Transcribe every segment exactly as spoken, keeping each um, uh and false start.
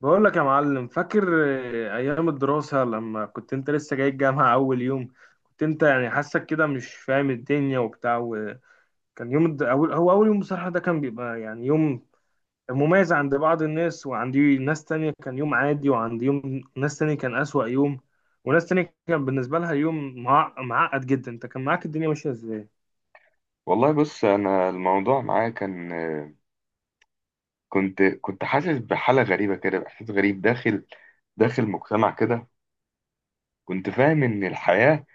بقول لك يا معلم، فاكر آه، ايام الدراسة لما كنت انت لسه جاي الجامعة؟ اول يوم كنت انت يعني حاسك كده مش فاهم الدنيا وبتاع، وكان يوم الد... أول... هو اول يوم بصراحة. ده كان بيبقى يعني يوم مميز عند بعض الناس، وعندي ناس تانية كان يوم عادي، وعند يوم ناس تانية كان أسوأ يوم، وناس تانية كان بالنسبة لها يوم مع... معقد جدا. انت كان معاك الدنيا ماشية ازاي؟ والله بص، انا الموضوع معايا كان، كنت كنت حاسس بحالة غريبة كده، بإحساس غريب داخل داخل مجتمع كده. كنت فاهم ان الحياة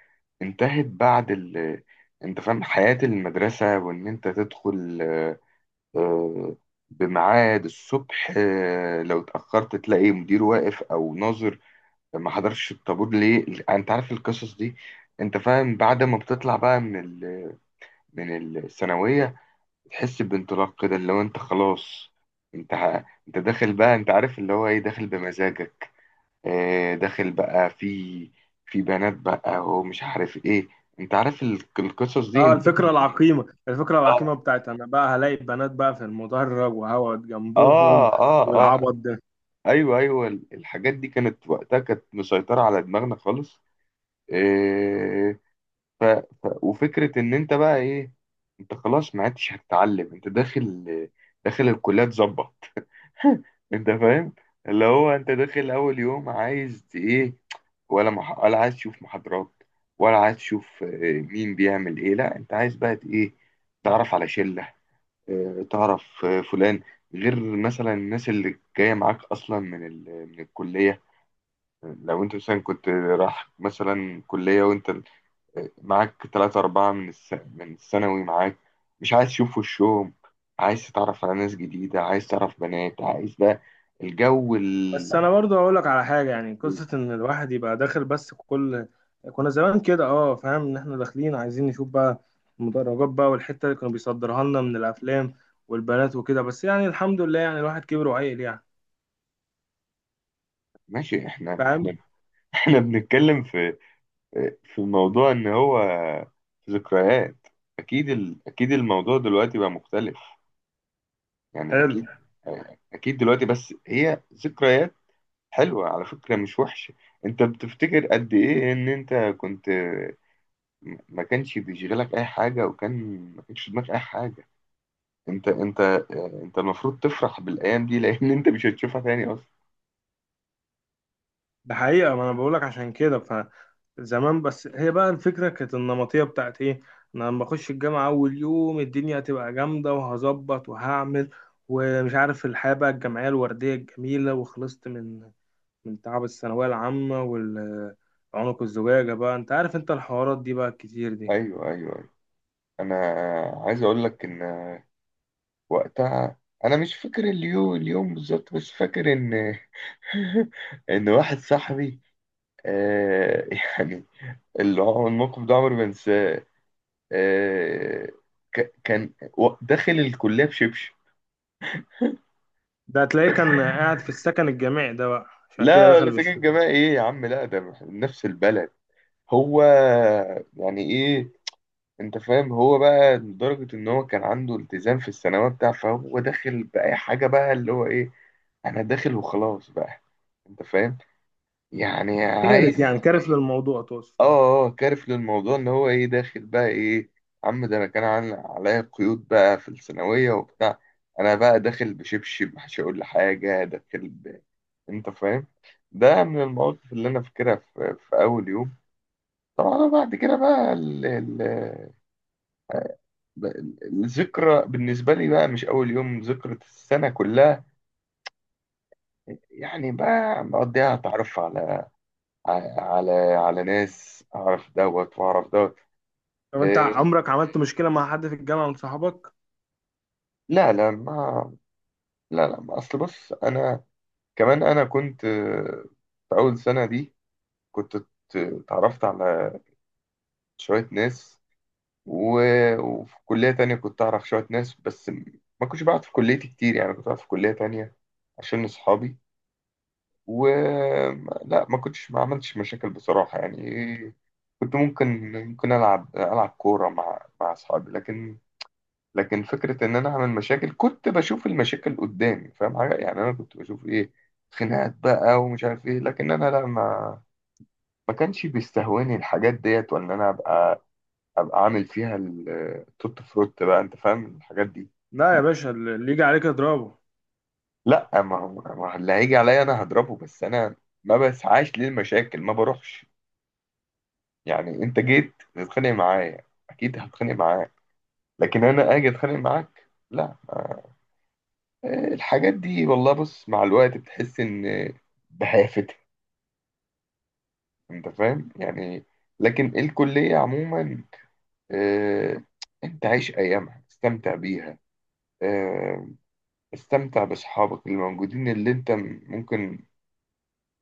انتهت بعد ال انت فاهم حياة المدرسة، وان انت تدخل آه، آه، بميعاد الصبح، آه، لو اتأخرت تلاقي مدير واقف او ناظر ما حضرش الطابور ليه، انت عارف القصص دي. انت فاهم بعد ما بتطلع بقى من ال... من الثانوية تحس بانطلاق كده، اللي هو انت خلاص، انت ه- انت داخل بقى، انت عارف اللي هو ايه، داخل بمزاجك. اه، داخل بقى في في بنات بقى ومش عارف ايه، انت عارف ال- القصص دي اه انت. الفكرة العقيمة، الفكرة العقيمة اه، بتاعت انا بقى هلاقي بنات بقى في المدرج وهقعد جنبهم، اه، اه، اه. والعبط ده. ايوه ايوه، ال- الحاجات دي كانت وقتها كانت مسيطرة على دماغنا خالص. اه. ف وفكرة ان انت بقى ايه، انت خلاص ما عدتش هتتعلم، انت داخل داخل الكلية تظبط. انت فاهم، اللي هو انت داخل اول يوم عايز ايه؟ ولا مح... ولا عايز تشوف محاضرات، ولا عايز تشوف، آه، مين بيعمل ايه؟ لا، انت عايز بقى ت- ايه تعرف على شلة، آه، تعرف آه، فلان، غير مثلا الناس اللي جاية معاك اصلا من ال... من الكلية. لو انت مثلا كنت رايح مثلا كلية، وانت معاك تلاتة أربعة من الس... من الثانوي معاك، مش عايز تشوف وشهم، عايز تتعرف على ناس جديدة، عايز تعرف بنات، عايز ده الجو بس ال... انا برضو اقول لك على حاجه، يعني قصه ان الواحد يبقى داخل، بس كل كنا زمان كده اه، فاهم؟ ان احنا داخلين عايزين نشوف بقى المدرجات بقى، والحته اللي كانوا بيصدرها لنا من الافلام والبنات وكده، بس يعني الحمد لله، يعني الواحد كبر وعقل يعني. ماشي. احنا فاهم. احنا احنا بنتكلم في في موضوع ان هو ذكريات. اكيد ال... اكيد الموضوع دلوقتي بقى مختلف، يعني حلو. اكيد. اكيد دلوقتي، بس هي ذكريات حلوة على فكرة، مش وحشة. انت بتفتكر قد ايه ان انت كنت ما كانش بيشغلك اي حاجه، وكان ما كانش في دماغك اي حاجه؟ انت انت آه، انت المفروض تفرح بالايام دي، لان انت مش هتشوفها تاني اصلا. ده حقيقه، ما انا بقول لك عشان كده. فزمان بس هي بقى الفكره كانت النمطيه بتاعت ايه؟ إن انا لما اخش الجامعه اول يوم الدنيا هتبقى جامده، وهظبط وهعمل، ومش عارف الحياه بقى الجامعيه الورديه الجميله، وخلصت من من تعب الثانوية العامة والعنق الزجاجة بقى، انت عارف انت الحوارات دي بقى الكتير دي. ايوه ايوه ايوه. انا عايز اقول لك ان وقتها انا مش فاكر اليوم اليوم بالظبط، بس فاكر ان ان واحد صاحبي، آه يعني، اللي هو الموقف ده عمري ما انساه. آه، ك- كان و- داخل الكليه بشبشب. ده هتلاقيه كان قاعد في السكن الجامعي ده، بقى عشان كده لا، دخل ولا ساكن بالشركة. جماعي ايه يا عم، لا ده من نفس البلد هو. يعني ايه؟ انت فاهم، هو بقى لدرجة ان هو كان عنده التزام في الثانوية بتاع فهو داخل بأي حاجة بقى، اللي هو ايه، انا داخل وخلاص بقى، انت فاهم، يعني كارف، عايز. يعني كارف للموضوع تقصد؟ اه اه، كارف للموضوع، ان هو ايه، داخل بقى ايه. عم ده انا كان عن- عليا قيود بقى في الثانوية وبتاع، انا بقى داخل بشبشب، مش هقول لحاجة داخل ب... انت فاهم. ده من المواقف اللي انا فاكرها في, في اول يوم. طبعا بعد كده بقى ال... ال... ب- الذكرى بالنسبة لي بقى مش أول يوم، ذكرى السنة كلها. يعني بقى مقضيها أتعرف على على على ناس، أعرف دوت وأعرف دوت. طب انت إيه؟ عمرك عملت مشكلة مع حد في الجامعة من صحابك؟ لا لا ما لا لا، ما أصل بص، أنا كمان أنا كنت، آه، في أول سنة دي كنت ات- اتعرفت على شوية ناس، و... وفي كلية تانية كنت أعرف شوية ناس، بس ما كنتش بقعد في كليتي كتير، يعني كنت بقعد في كلية تانية عشان أصحابي. و لا، ما كنتش ما عملتش مشاكل بصراحة يعني، كنت ممكن ممكن ألعب ألعب كورة مع مع أصحابي، لكن لكن فكرة إن أنا أعمل مشاكل، كنت بشوف المشاكل قدامي، فاهم حاجة، يعني أنا كنت بشوف إيه، خناقات بقى ومش عارف إيه، لكن أنا لا، ما ما كانش بيستهواني الحاجات ديت، ولا أنا أبقى أبقى عامل فيها التوت فروت بقى، أنت فاهم الحاجات دي. لا يا باشا، اللي يجي عليك اضربه. لا، ما هو ما هو اللي هيجي عليا أنا هضربه، بس أنا ما بسعاش للمشاكل، ما بروحش. يعني انت جيت تتخانق معايا، اكيد هتخانق معاك، لكن انا اجي اتخانق معاك، لا. آه، الحاجات دي والله بص، مع الوقت بتحس ان بهافتها، انت فاهم يعني. لكن الكلية عموما، آه، انت عيش ايامها، استمتع بيها، آه، استمتع باصحابك اللي موجودين، اللي انت م- ممكن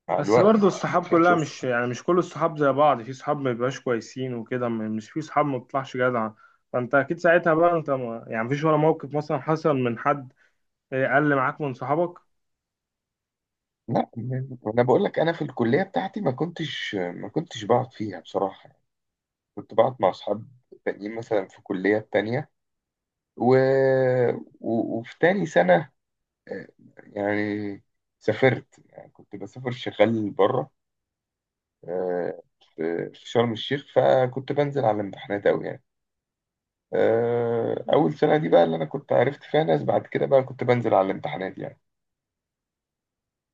مع بس الوقت برضو الصحاب مش كلها هتشوف. مش، يعني مش كل الصحاب زي بعض، في صحاب ما بيبقاش كويسين وكده، م- مش في صحاب ما بتطلعش جدعة. فانت اكيد ساعتها بقى، انت ما يعني مفيش ولا موقف مثلا حصل من حد، آه، قل معاك من صحابك؟ لا، انا بقول لك انا في الكلية بتاعتي ما كنتش ما كنتش بقعد فيها بصراحة، كنت بقعد مع أصحاب تانيين مثلا في كليات تانية، و... و... وفي تاني سنة، آه، يعني سافرت، يعني كنت بسافر شغال بره، آه، في في شرم الشيخ، فكنت بنزل على الامتحانات أوي يعني. آه، أول سنة دي بقى اللي أنا كنت عرفت فيها ناس، بعد كده بقى كنت بنزل على الامتحانات يعني،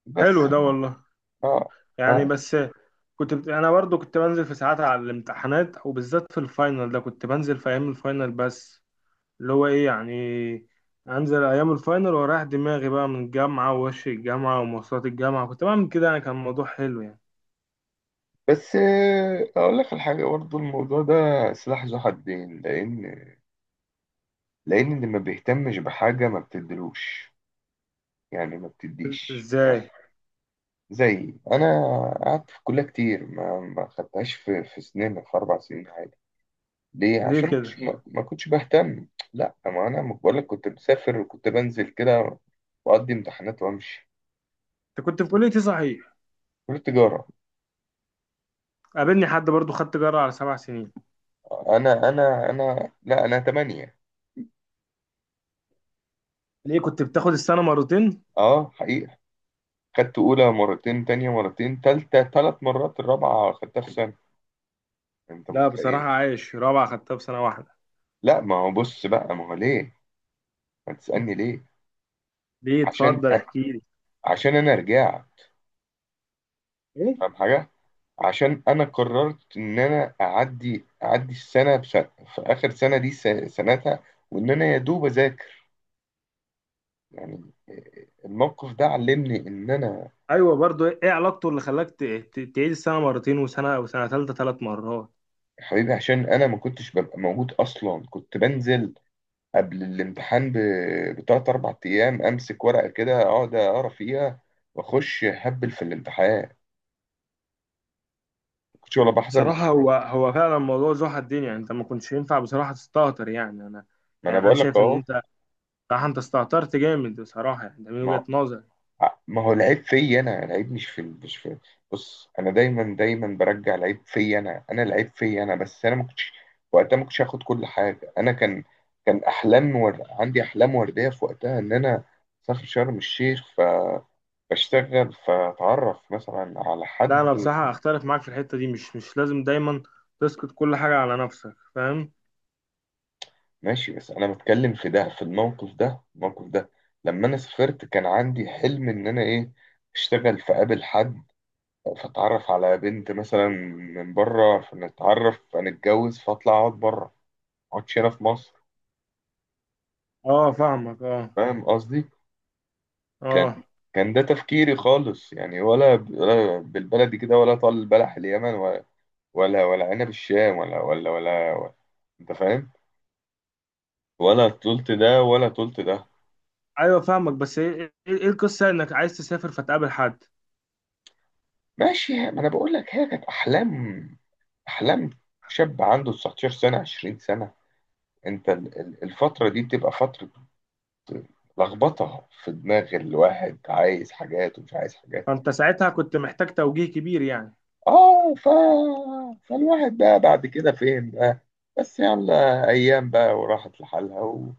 بس. حلو ده والله. اه. يعني اه. بس كنت بت... انا برضو كنت بنزل في ساعات على الامتحانات، وبالذات في الفاينل ده كنت بنزل في ايام الفاينل بس، اللي هو ايه يعني انزل ايام الفاينل ورايح دماغي بقى من الجامعه ووش الجامعه ومواصلات الجامعه، كنت بعمل كده يعني، كان الموضوع حلو يعني. بس آه، أقول لك الحاجة برضه، الموضوع ده سلاح ذو حدين، لأن لأن اللي ما بيهتمش بحاجة ما بتدلوش، يعني ما بتديش. آه، ازاي؟ زي انا، قعدت في الكليه كتير، ما ما خدتهاش في في سنين، في اربع سنين عادي. ليه؟ ليه عشان ما كده؟ كنتش، ما ما كنتش بهتم. لا، ما انا بقول لك كنت مسافر، وكنت بنزل كده واقضي امتحانات وامشي. انت كنت في كليه ايه صحيح؟ كليه تجاره. قابلني حد برضو خدت جرعه على سبع سنين. انا انا انا لا، انا تمانية. ليه كنت بتاخد السنه مرتين؟ اه، حقيقه، خدت اولى مرتين، تانية مرتين، تالتة تلات مرات، الرابعه خدتها في سنه. انت لا بصراحه، متخيل؟ عايش رابعه خدتها في سنه واحده. لا، ما هو بص بقى، ما هو ليه، ما تسالني ليه. ليه؟ عشان اتفضل احكي لي. عشان انا رجعت. ايه؟ فاهم حاجة، عشان أنا قررت إن أنا أعدي أعدي السنة بسنة في آخر سنة دي، س- سنتها، وإن أنا يا دوب أذاكر يعني، الموقف ده علمني إن أنا. ايوه برضو، ايه إيه علاقته اللي خلاك ت- ت- تعيد السنه مرتين، وسنه وسنه ثالثه ثلاث مرات؟ يا حبيبي، عشان أنا ما كنتش ببقى موجود أصلا، كنت بنزل قبل الامتحان ب- بتلات أربع أيام، أمسك ورقة كده أقعد أقرا فيها، وأخش أهبل في الامتحان، ما كنتش ولا بحضر بصراحه محاضرات. هو هو فعلا موضوع زوحة الدنيا، انت ما كنتش ينفع بصراحه تستهتر يعني انا ما أنا يعني انا بقول لك شايف ان أهو. انت بصراحه انت استهترت جامد بصراحه، يعني ده من ما وجهه نظري. ما هو العيب فيا انا، العيب مش في مش في بص، انا دايما دايما برجع العيب فيا انا، انا العيب فيا انا، بس انا ما كنتش وقتها، ما كنتش هاخد كل حاجه، انا كان كان احلام، ور... عندي احلام ورديه في وقتها، ان انا اسافر شرم الشيخ، ف بشتغل، فاتعرف مثلا على لا حد. انا بصراحه اختلف معاك في الحته دي، مش مش لازم دايما تسقط كل حاجه على نفسك، فاهم. ماشي، بس انا بتكلم في ده، في الموقف ده، الموقف ده لما انا سافرت كان عندي حلم ان انا ايه، اشتغل في، قابل حد، فتعرف على بنت مثلا من بره، فنتعرف فنتجوز فاطلع اقعد بره، ما اقعدش هنا في مصر. اه فاهمك. اه. فاهم قصدي؟ كان اه. كان ده تفكيري خالص يعني، ولا ب- ولا بالبلدي كده، ولا طال البلح اليمن ولا، ولا ولا عنب الشام، ولا ولا ولا, ولا. انت فاهم، ولا طولت ده ولا طولت ده. ايوه فاهمك. بس ايه إيه- إيه القصه انك عايز تسافر فتقابل حد؟ ماشي، ما انا بقول لك هي كانت احلام، احلام شاب عنده تسعة عشر سنه عشرين سنه. انت ال- ال- الفتره دي بتبقى فتره لخبطة في دماغ الواحد، عايز حاجات ومش عايز حاجات. فانت ساعتها كنت محتاج توجيه كبير يعني. اه. ف... فالواحد بقى بعد كده فين بقى، بس يلا ايام بقى وراحت لحالها، و...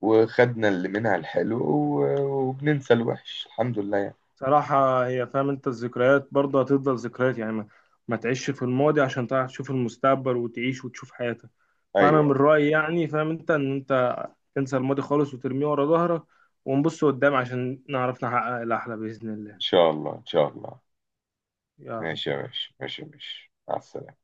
وخدنا اللي منها الحلو، و... وبننسى الوحش، الحمد لله يعني. صراحة هي، فاهم انت الذكريات برضه هتفضل ذكريات، يعني ما, ما تعيش في الماضي عشان تعرف تشوف المستقبل، وتعيش وتشوف حياتك. فأنا من ايوه، رأيي يعني، فاهم انت ان انت تنسى الماضي خالص وترميه ورا ظهرك، ونبص قدام عشان نعرف نحقق الأحلى بإذن الله. ان شاء الله ان شاء الله. يلا. ماشي يا باشا، ماشي يا باشا، مع السلامة.